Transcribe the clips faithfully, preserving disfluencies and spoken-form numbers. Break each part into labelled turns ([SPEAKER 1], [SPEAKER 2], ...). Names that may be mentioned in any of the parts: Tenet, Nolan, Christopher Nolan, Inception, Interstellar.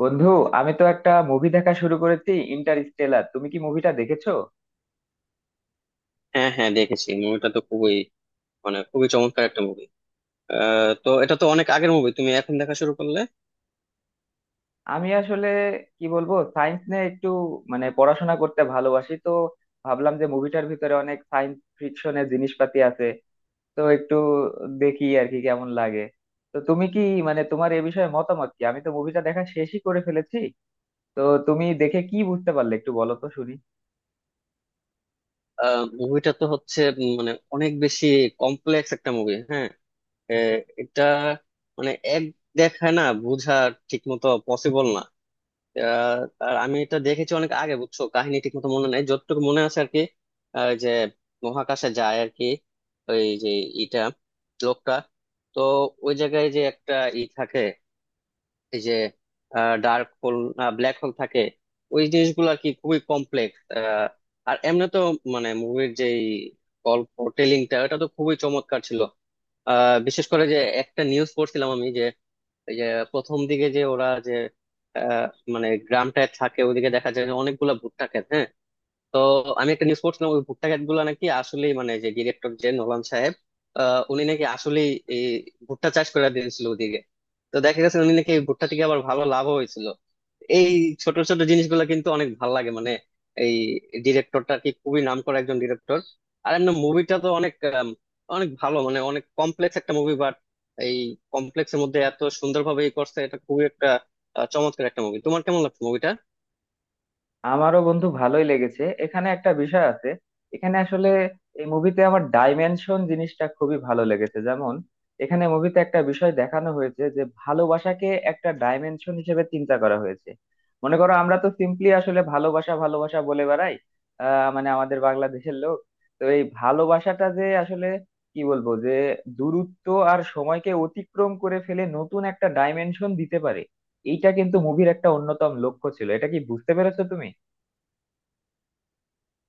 [SPEAKER 1] বন্ধু, আমি তো একটা মুভি দেখা শুরু করেছি, ইন্টারস্টেলার। তুমি কি মুভিটা দেখেছো?
[SPEAKER 2] হ্যাঁ, হ্যাঁ, দেখেছি। মুভিটা তো খুবই মানে খুবই চমৎকার একটা মুভি। তো এটা তো অনেক আগের মুভি, তুমি এখন দেখা শুরু করলে?
[SPEAKER 1] আমি আসলে কি বলবো, সায়েন্স নিয়ে একটু মানে পড়াশোনা করতে ভালোবাসি তো, ভাবলাম যে মুভিটার ভিতরে অনেক সায়েন্স ফিকশনের জিনিসপাতি আছে, তো একটু দেখি আর কি কেমন লাগে। তো তুমি কি মানে তোমার এ বিষয়ে মতামত কি? আমি তো মুভিটা দেখা শেষই করে ফেলেছি। তো তুমি দেখে কি বুঝতে পারলে একটু বলো তো শুনি।
[SPEAKER 2] মুভিটা তো হচ্ছে উম, মানে অনেক বেশি কমপ্লেক্স একটা মুভি। হ্যাঁ। আহ, এটা মানে এক দেখায় না বোঝা ঠিক মতো পসিবল না। আহ, আর আমি এটা দেখেছি অনেক আগে, বুঝছো? কাহিনী ঠিক মতো মনে নাই, যতটুকু মনে আছে আর কি। আহ, যে মহাকাশে যায় আর কি। ওই যে এটা লোকটা তো ওই জায়গায় যে একটা ই থাকে, এই যে ডার্ক হোল, ব্ল্যাক হোল থাকে। ওই জিনিসগুলো আর কি খুবই কমপ্লেক্স। আর এমনি তো মানে মুভির যে গল্প টেলিংটা ওটা তো খুবই চমৎকার ছিল। আহ, বিশেষ করে যে একটা নিউজ পড়ছিলাম আমি যে এই যে প্রথম দিকে যে ওরা যে আহ, মানে গ্রামটায় থাকে ওদিকে দেখা যায় যে অনেকগুলা ভুট্টা ক্ষেত। হ্যাঁ। তো আমি একটা নিউজ পড়ছিলাম ওই ভুট্টা ক্ষেত গুলা নাকি আসলেই মানে যে ডিরেক্টর যে নোমান সাহেব আহ, উনি নাকি আসলেই এই ভুট্টা চাষ করে দিয়েছিল ওদিকে। তো দেখা গেছে উনি নাকি এই ভুট্টা থেকে আবার ভালো লাভ হয়েছিল। এই ছোট ছোট জিনিসগুলো কিন্তু অনেক ভালো লাগে মানে। এই ডিরেক্টরটা কি খুবই নাম করা একজন ডিরেক্টর। আর এমনি মুভিটা তো অনেক আম, অনেক ভালো মানে অনেক কমপ্লেক্স একটা মুভি। বাট এই কমপ্লেক্সের মধ্যে এত সুন্দরভাবে ই করছে, এটা খুবই একটা আহ, চমৎকার একটা মুভি। তোমার কেমন লাগছে মুভিটা?
[SPEAKER 1] আমারও বন্ধু ভালোই লেগেছে, এখানে একটা বিষয় আছে। এখানে আসলে এই মুভিতে আমার ডাইমেনশন জিনিসটা খুবই ভালো লেগেছে, যেমন এখানে মুভিতে একটা বিষয় দেখানো হয়েছে যে ভালোবাসাকে একটা ডাইমেনশন হিসেবে চিন্তা করা হয়েছে। মনে করো আমরা তো সিম্পলি আসলে ভালোবাসা ভালোবাসা বলে বেড়াই। আহ মানে আমাদের বাংলাদেশের লোক। তো এই ভালোবাসাটা যে আসলে কি বলবো যে দূরত্ব আর সময়কে অতিক্রম করে ফেলে নতুন একটা ডাইমেনশন দিতে পারে। এইটা কিন্তু মুভির একটা অন্যতম লক্ষ্য ছিল, এটা কি বুঝতে পেরেছো তুমি?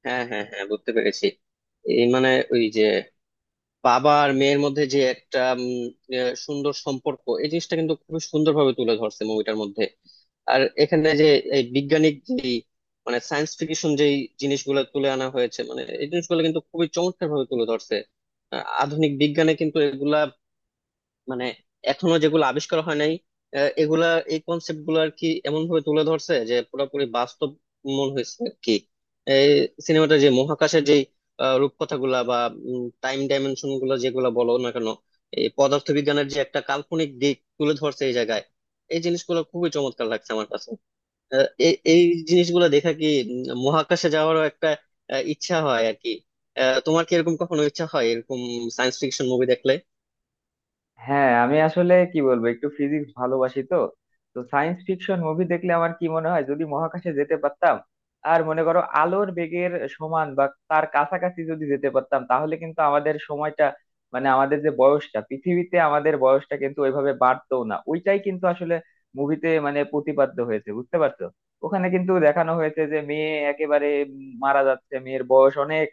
[SPEAKER 2] হ্যাঁ, হ্যাঁ, হ্যাঁ, বুঝতে পেরেছি। এই মানে ওই যে বাবা আর মেয়ের মধ্যে যে একটা উম, আহ, সুন্দর সম্পর্ক এই জিনিসটা কিন্তু খুবই সুন্দরভাবে তুলে ধরছে মুভিটার মধ্যে। আর এখানে যে এই বিজ্ঞানিক যে মানে সায়েন্স ফিকশন যেই জিনিসগুলো তুলে আনা হয়েছে, মানে এই জিনিসগুলো কিন্তু খুবই চমৎকার ভাবে তুলে ধরছে। আহ, আধুনিক বিজ্ঞানে কিন্তু এগুলা মানে এখনো যেগুলো আবিষ্কার হয় নাই, আহ, এগুলা এই কনসেপ্ট গুলো আর কি এমন ভাবে তুলে ধরছে যে পুরোপুরি বাস্তব মন হয়েছে আর কি। এই সিনেমাটা যে মহাকাশের যে রূপকথা গুলা বা টাইম ডাইমেনশন গুলো, যেগুলো বলো না কেন, এই পদার্থবিজ্ঞানের যে একটা কাল্পনিক দিক তুলে ধরছে এই জায়গায়, এই জিনিসগুলো খুবই চমৎকার লাগছে আমার কাছে। আহ, এই এই জিনিসগুলো দেখা কি উম, মহাকাশে যাওয়ারও একটা আহ, ইচ্ছা হয় আর কি। আহ, তোমার কি এরকম কখনো ইচ্ছা হয় এরকম সায়েন্স ফিকশন মুভি দেখলে?
[SPEAKER 1] হ্যাঁ, আমি আসলে কি বলবো, একটু ফিজিক্স ভালোবাসি তো, তো সায়েন্স ফিকশন মুভি দেখলে আমার কি মনে হয়, যদি মহাকাশে যেতে পারতাম আর মনে করো আলোর বেগের সমান বা তার কাছাকাছি যদি যেতে পারতাম, তাহলে কিন্তু আমাদের সময়টা মানে আমাদের যে বয়সটা পৃথিবীতে, আমাদের বয়সটা কিন্তু ওইভাবে বাড়তো না। ওইটাই কিন্তু আসলে মুভিতে মানে প্রতিপাদ্য হয়েছে, বুঝতে পারছো? ওখানে কিন্তু দেখানো হয়েছে যে মেয়ে একেবারে উম, মারা যাচ্ছে, মেয়ের বয়স অনেক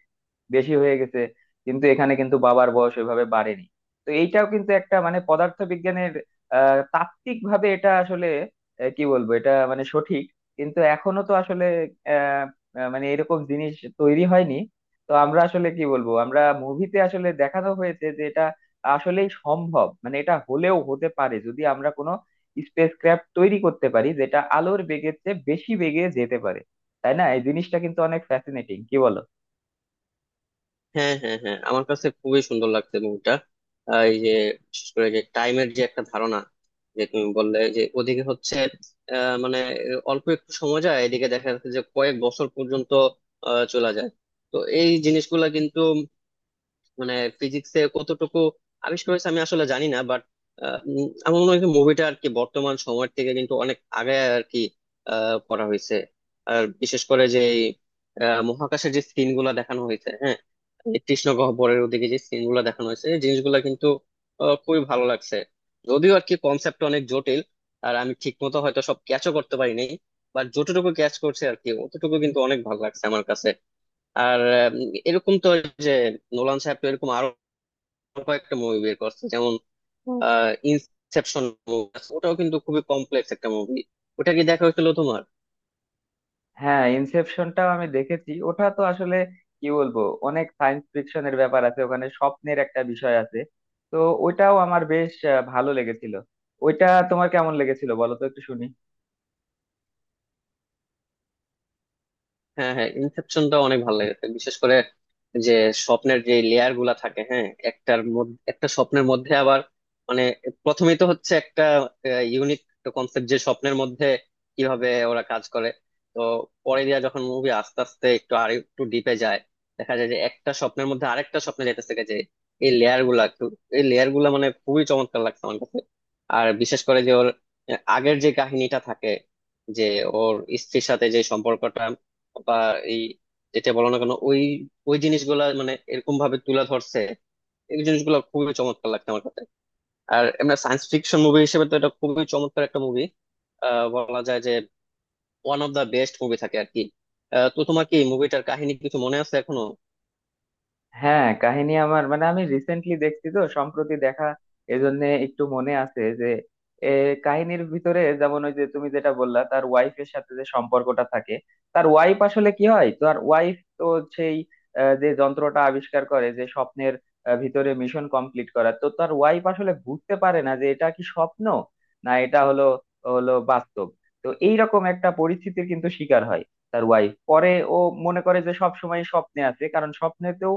[SPEAKER 1] বেশি হয়ে গেছে, কিন্তু এখানে কিন্তু বাবার বয়স ওইভাবে বাড়েনি। তো এইটাও কিন্তু একটা মানে পদার্থবিজ্ঞানের আহ তাত্ত্বিক ভাবে এটা আসলে আহ, কি বলবো, এটা মানে সঠিক, কিন্তু এখনো তো আসলে আহ আহ, মানে এরকম জিনিস তৈরি হয়নি। তো আমরা আসলে কি বলবো, আমরা মুভিতে আসলে দেখানো হয়েছে যে এটা আসলেই সম্ভব, মানে এটা হলেও হতে পারে যদি আমরা কোনো স্পেসক্রাফট তৈরি করতে পারি যেটা আলোর বেগের চেয়ে বেশি বেগে যেতে পারে, তাই না? এই জিনিসটা কিন্তু অনেক ফ্যাসিনেটিং, কি বলো?
[SPEAKER 2] হ্যাঁ, হ্যাঁ, হ্যাঁ, আমার কাছে খুবই সুন্দর লাগছে মুভিটা। এই যে বিশেষ করে যে টাইমের যে একটা ধারণা, যে তুমি বললে যে ওদিকে হচ্ছে আহ, মানে অল্প একটু সময় যায়, এদিকে দেখা যাচ্ছে যে কয়েক বছর পর্যন্ত আহ, চলে যায়। তো এই জিনিসগুলা কিন্তু মানে ফিজিক্সে কতটুকু আবিষ্কার হয়েছে আমি আসলে জানি না, বাট আমার মনে হয় মুভিটা আর কি বর্তমান সময়ের থেকে কিন্তু অনেক আগে আর কি আহ, করা হয়েছে। আর বিশেষ করে যে এই, আহ, মহাকাশের যে সিন গুলা দেখানো হয়েছে। হ্যাঁ, এই কৃষ্ণ গহ্বরের ওদিকে যে সিন গুলা দেখানো হয়েছে, এই জিনিসগুলা কিন্তু আহ, খুবই ভালো লাগছে। যদিও আর কি কনসেপ্ট অনেক জটিল, আর আমি ঠিক মতো হয়তো সব ক্যাচও করতে পারি নাই। বাট যতটুকু ক্যাচ করছে আর কি অতটুকু কিন্তু অনেক ভালো লাগছে আমার কাছে। আর আম, এরকম তো, যে নোলান সাহেব তো এরকম আরো কয়েকটা মুভি বের করছে, যেমন হুম। আহ ইনসেপশন মুভি। ওটাও কিন্তু খুবই কমপ্লেক্স একটা মুভি। ওটা কি দেখা হয়েছিল তোমার?
[SPEAKER 1] হ্যাঁ, ইনসেপশনটাও আমি দেখেছি। ওটা তো আসলে কি বলবো, অনেক সায়েন্স ফিকশনের ব্যাপার আছে, ওখানে স্বপ্নের একটা বিষয় আছে। তো ওইটাও আমার বেশ আহ, ভালো লেগেছিল। ওইটা তোমার কেমন লেগেছিল বলো তো একটু শুনি।
[SPEAKER 2] হ্যাঁ, হ্যাঁ, ইনসেপশনটা অনেক ভালো লেগেছে। বিশেষ করে যে স্বপ্নের যে লেয়ার গুলা থাকে, হ্যাঁ, একটার মধ্যে একটা স্বপ্নের মধ্যে আবার মানে প্রথমেই তো হচ্ছে একটা ইউনিক কনসেপ্ট যে স্বপ্নের মধ্যে কিভাবে ওরা কাজ করে। তো পরে দিয়া যখন মুভি আস্তে আস্তে একটু আর একটু ডিপে যায়, দেখা যায় যে একটা স্বপ্নের মধ্যে আরেকটা স্বপ্নে যেতে থেকে যে এই লেয়ার গুলা একটু- এই লেয়ার গুলা মানে খুবই চমৎকার লাগছে আমার কাছে। আর বিশেষ করে যে ওর আহ, আগের যে কাহিনীটা থাকে যে ওর স্ত্রীর সাথে যে সম্পর্কটা বা এই যেটা বলো না কেন, ওই ওই জিনিসগুলা মানে এরকম ভাবে তুলে ধরছে। এই জিনিসগুলো খুবই চমৎকার লাগছে আমার কাছে। আর এমনি সায়েন্স ফিকশন মুভি হিসেবে তো এটা খুবই চমৎকার একটা মুভি। বলা যায় যে one of the best movie থাকে আর কি। আহ, তো তোমার কি মুভিটার কাহিনী কিছু মনে আছে এখনো?
[SPEAKER 1] হ্যাঁ, কাহিনী আমার মানে আমি রিসেন্টলি দেখছি তো, সম্প্রতি দেখা, এজন্য একটু মনে আছে যে এ, কাহিনীর ভিতরে যেমন ওই যে তুমি যেটা বললা তার ওয়াইফের সাথে যে সম্পর্কটা থাকে, তার ওয়াইফ আসলে কি হয়, তার ওয়াইফ তো সেই আহ, যে যন্ত্রটা আবিষ্কার করে যে স্বপ্নের আহ, ভিতরে মিশন কমপ্লিট করা, তো তার ওয়াইফ আসলে বুঝতে পারে না যে এটা কি স্বপ্ন না এটা হলো হলো বাস্তব। তো এইরকম একটা পরিস্থিতির কিন্তু শিকার হয় তার ওয়াইফ, পরে ও মনে করে যে সব সময় স্বপ্নে আছে, কারণ স্বপ্নেতেও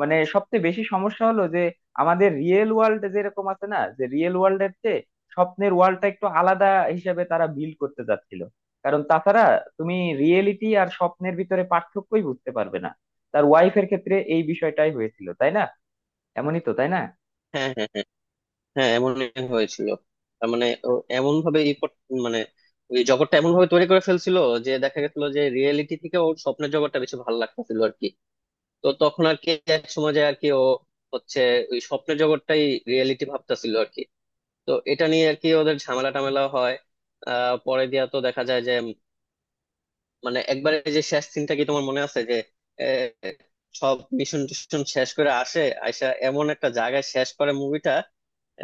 [SPEAKER 1] মানে সবচেয়ে বেশি সমস্যা হলো যে আমাদের রিয়েল ওয়ার্ল্ড যেরকম আছে না, যে রিয়েল ওয়ার্ল্ডের চেয়ে স্বপ্নের ওয়ার্ল্ডটা একটু আলাদা হিসেবে তারা বিল্ড করতে চাচ্ছিল, কারণ তাছাড়া তুমি রিয়েলিটি আর স্বপ্নের ভিতরে পার্থক্যই বুঝতে পারবে না। তার ওয়াইফের ক্ষেত্রে এই বিষয়টাই হয়েছিল তাই না, এমনই তো তাই না?
[SPEAKER 2] হ্যাঁ, হ্যাঁ, হ্যাঁ, হ্যাঁ, এমনই হয়েছিল। তার মানে এমন ভাবে ই কর- মানে ওই জগৎটা এমন ভাবে তৈরি করে ফেলছিল যে দেখা গেছিল যে রিয়েলিটি থেকে ওর স্বপ্নের জগৎটা বেশি ভালো লাগতেছিল আর কি। তো তখন আর কি এক সময় যায় আর কি ও হচ্ছে ওই স্বপ্নের জগৎটাই রিয়েলিটি ভাবতেছিল আর কি। তো এটা নিয়ে আর কি ওদের ঝামেলা টামেলা হয়। আহ পরে দিয়া তো দেখা যায় যে উম, মানে একবারে যে শেষ সিনটা কি তোমার মনে আছে, যে সব মিশন টিশন শেষ করে আসে, আইসা এমন একটা জায়গায় শেষ করে মুভিটা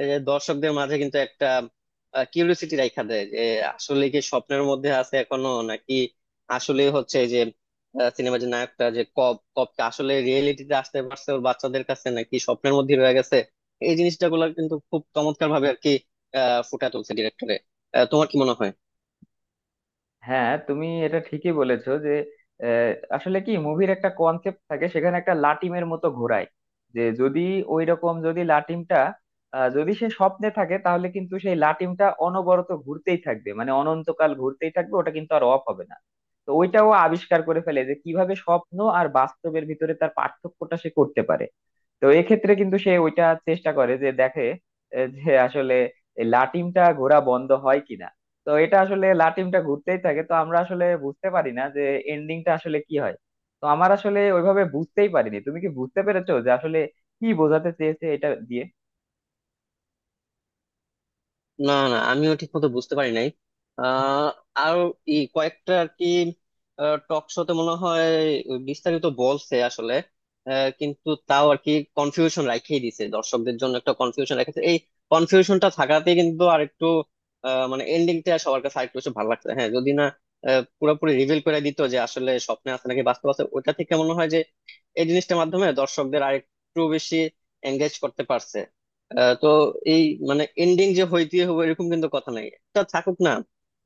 [SPEAKER 2] যে দর্শকদের মাঝে কিন্তু একটা কিউরিওসিটি রাইখা দেয় যে আসলে কি স্বপ্নের মধ্যে আছে এখনো নাকি আসলে হচ্ছে যে, সিনেমা যে নায়কটা যে কপ কপটা আসলে রিয়েলিটিতে আসতে পারছে ওর বাচ্চাদের কাছে নাকি স্বপ্নের মধ্যে রয়ে গেছে। এই জিনিসটা গুলো কিন্তু খুব চমৎকার ভাবে আর কি আহ ফুটা তুলছে ডিরেক্টরে। তোমার কি মনে হয়?
[SPEAKER 1] হ্যাঁ, তুমি এটা ঠিকই বলেছো যে আহ, আসলে কি মুভির একটা কনসেপ্ট থাকে, সেখানে একটা লাটিমের মতো ঘোরায় যে যদি ওই রকম যদি লাটিমটা আহ, যদি সে স্বপ্নে থাকে তাহলে কিন্তু সেই লাটিমটা অনবরত ঘুরতেই থাকবে, মানে অনন্তকাল ঘুরতেই থাকবে, ওটা কিন্তু আর অফ হবে না। তো ওইটাও আবিষ্কার করে ফেলে যে কিভাবে স্বপ্ন আর বাস্তবের ভিতরে তার পার্থক্যটা সে করতে পারে। তো এক্ষেত্রে কিন্তু সে ওইটা চেষ্টা করে যে দেখে আহ, যে আসলে এই লাটিমটা ঘোরা বন্ধ হয় কিনা। তো এটা আসলে লাটিমটা ঘুরতেই থাকে, তো আমরা আসলে বুঝতে পারি না যে এন্ডিংটা আসলে কি হয়। তো আমার আসলে ওইভাবে বুঝতেই পারিনি, তুমি কি বুঝতে পেরেছো যে আসলে কি বোঝাতে চেয়েছে এটা দিয়ে?
[SPEAKER 2] না, না, আমিও ঠিক মতো বুঝতে পারি নাই। আহ আর ই কয়েকটা আর কি টক শোতে মনে হয় বিস্তারিত বলছে আসলে, আহ, কিন্তু তাও আর কি কনফিউশন রাখিয়ে দিছে দর্শকদের জন্য, একটা কনফিউশন রেখেছে। এই কনফিউশনটা থাকাতে কিন্তু আর একটু আহ, মানে এন্ডিংটা সবার কাছে আরেকটু বেশি ভালো লাগছে। হ্যাঁ, যদি না আহ, পুরোপুরি রিভিল করে দিত যে আসলে স্বপ্নে আছে নাকি বাস্তব আছে, ওটা থেকে মনে হয় যে এই জিনিসটার মাধ্যমে দর্শকদের আরেকটু বেশি এঙ্গেজ করতে পারছে। আহ, তো এই মানে এন্ডিং যে হইতে হবে এরকম কিন্তু কথা নাই, একটা থাকুক না।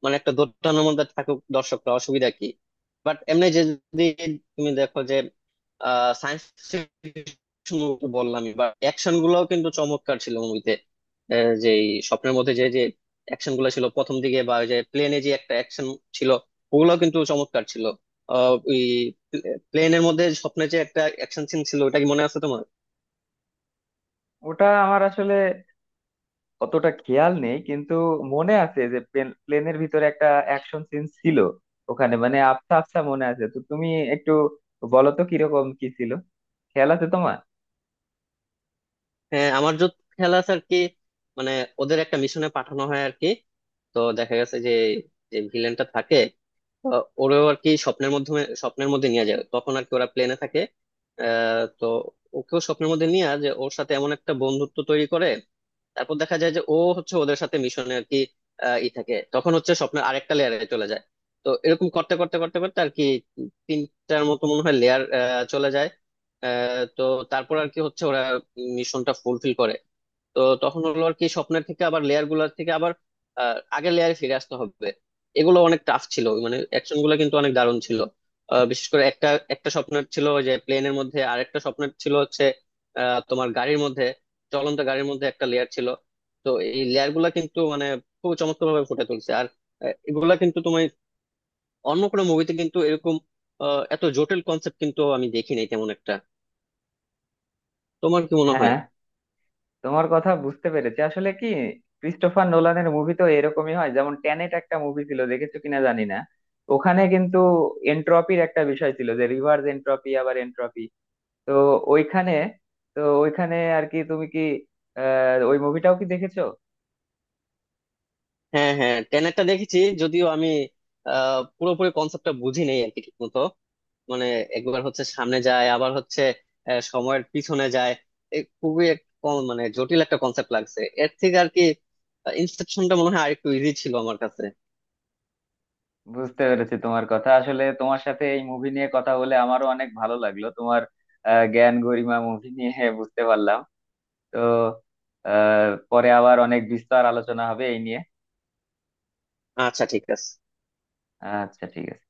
[SPEAKER 2] মানে একটা দোটানার মধ্যে থাকুক দর্শকরা, অসুবিধা কি? বাট এমনি যে যদি তুমি দেখো যে সায়েন্স বললামই বা অ্যাকশন গুলাও কিন্তু চমৎকার ছিল মুভিতে। যে এই স্বপ্নের মধ্যে যে যে অ্যাকশন গুলো ছিল প্রথম দিকে, বা ওই যে প্লেনে যে একটা অ্যাকশন ছিল, ওগুলোও কিন্তু চমৎকার ছিল। আহ ওই প্লেনের মধ্যে স্বপ্নে যে একটা অ্যাকশন সিন ছিল, ওটা কি মনে আছে তোমার?
[SPEAKER 1] ওটা আমার আসলে অতটা খেয়াল নেই, কিন্তু মনে আছে যে প্লেনের ভিতরে একটা অ্যাকশন সিন ছিল ওখানে, মানে আবছা আবছা মনে আছে। তো তুমি একটু বলো তো কিরকম কি ছিল, খেয়াল আছে তোমার?
[SPEAKER 2] হ্যাঁ, আমার যত খেয়াল আছে আর কি মানে ওদের একটা মিশনে পাঠানো হয় আর কি। তো দেখা গেছে যে যে ভিলেনটা থাকে, তো ওরেও আর কি স্বপ্নের মাধ্যমে স্বপ্নের মধ্যে নিয়ে যায় তখন আর কি ওরা প্লেনে থাকে। আহ তো ওকেও স্বপ্নের মধ্যে নিয়ে যে ওর সাথে এমন একটা বন্ধুত্ব তৈরি করে। তারপর দেখা যায় যে ও হচ্ছে ওদের সাথে মিশনে আর কি আহ, ই থাকে, তখন হচ্ছে স্বপ্নের আরেকটা লেয়ারে চলে যায়। তো এরকম করতে করতে করতে করতে আর কি তিনটার মতো মনে হয় লেয়ার চলে যায়। আহ, তো তারপর আর কি হচ্ছে ওরা মিশনটা ফুলফিল করে। তো তখন হলো আর কি স্বপ্নের থেকে আবার লেয়ার গুলার থেকে আবার আহ, আগের লেয়ারে ফিরে আসতে হবে। এগুলো অনেক টাফ ছিল, মানে অ্যাকশন গুলো কিন্তু অনেক দারুণ ছিল। আহ, বিশেষ করে একটা একটা স্বপ্নের ছিল যে প্লেনের মধ্যে, আর একটা স্বপ্নের ছিল হচ্ছে আহ, তোমার গাড়ির মধ্যে, চলন্ত গাড়ির মধ্যে একটা লেয়ার ছিল। তো এই লেয়ার গুলা কিন্তু মানে খুব চমৎকার ভাবে ফুটে তুলছে। আর আহ, এগুলা কিন্তু তুমি অন্য কোনো মুভিতে কিন্তু এরকম আহ, এত জটিল কনসেপ্ট কিন্তু আমি দেখিনি তেমন একটা। তোমার কি মনে হয়?
[SPEAKER 1] হ্যাঁ, তোমার কথা বুঝতে পেরেছি। আসলে কি, ক্রিস্টোফার নোলানের মুভি তো এরকমই হয়, যেমন ট্যানেট একটা মুভি ছিল, দেখেছো কিনা জানি না। ওখানে কিন্তু এনট্রপির একটা বিষয় ছিল যে রিভার্স এনট্রপি আবার এনট্রপি। তো ওইখানে তো ওইখানে আর কি তুমি কি আহ ওই মুভিটাও কি দেখেছো?
[SPEAKER 2] হ্যাঁ, হ্যাঁ, টেনেটটা দেখেছি, যদিও আমি আহ পুরোপুরি কনসেপ্টটা বুঝি নেই আর কি ঠিক মতো। মানে একবার হচ্ছে সামনে যায় আবার হচ্ছে আহ, সময়ের পিছনে যায়। এ খুবই এক ক- মানে জটিল একটা কনসেপ্ট লাগছে এর থেকে আর কি। ইনসেপশনটা মনে হয় আরেকটু ইজি ছিল আমার কাছে।
[SPEAKER 1] বুঝতে পেরেছি তোমার কথা। আসলে তোমার সাথে এই মুভি নিয়ে কথা বলে আমারও অনেক ভালো লাগলো, তোমার আহ, জ্ঞান গরিমা মুভি নিয়ে বুঝতে পারলাম। তো আহ পরে আবার অনেক বিস্তার আলোচনা হবে এই নিয়ে।
[SPEAKER 2] আচ্ছা, ঠিক আছে।
[SPEAKER 1] আচ্ছা ঠিক আছে।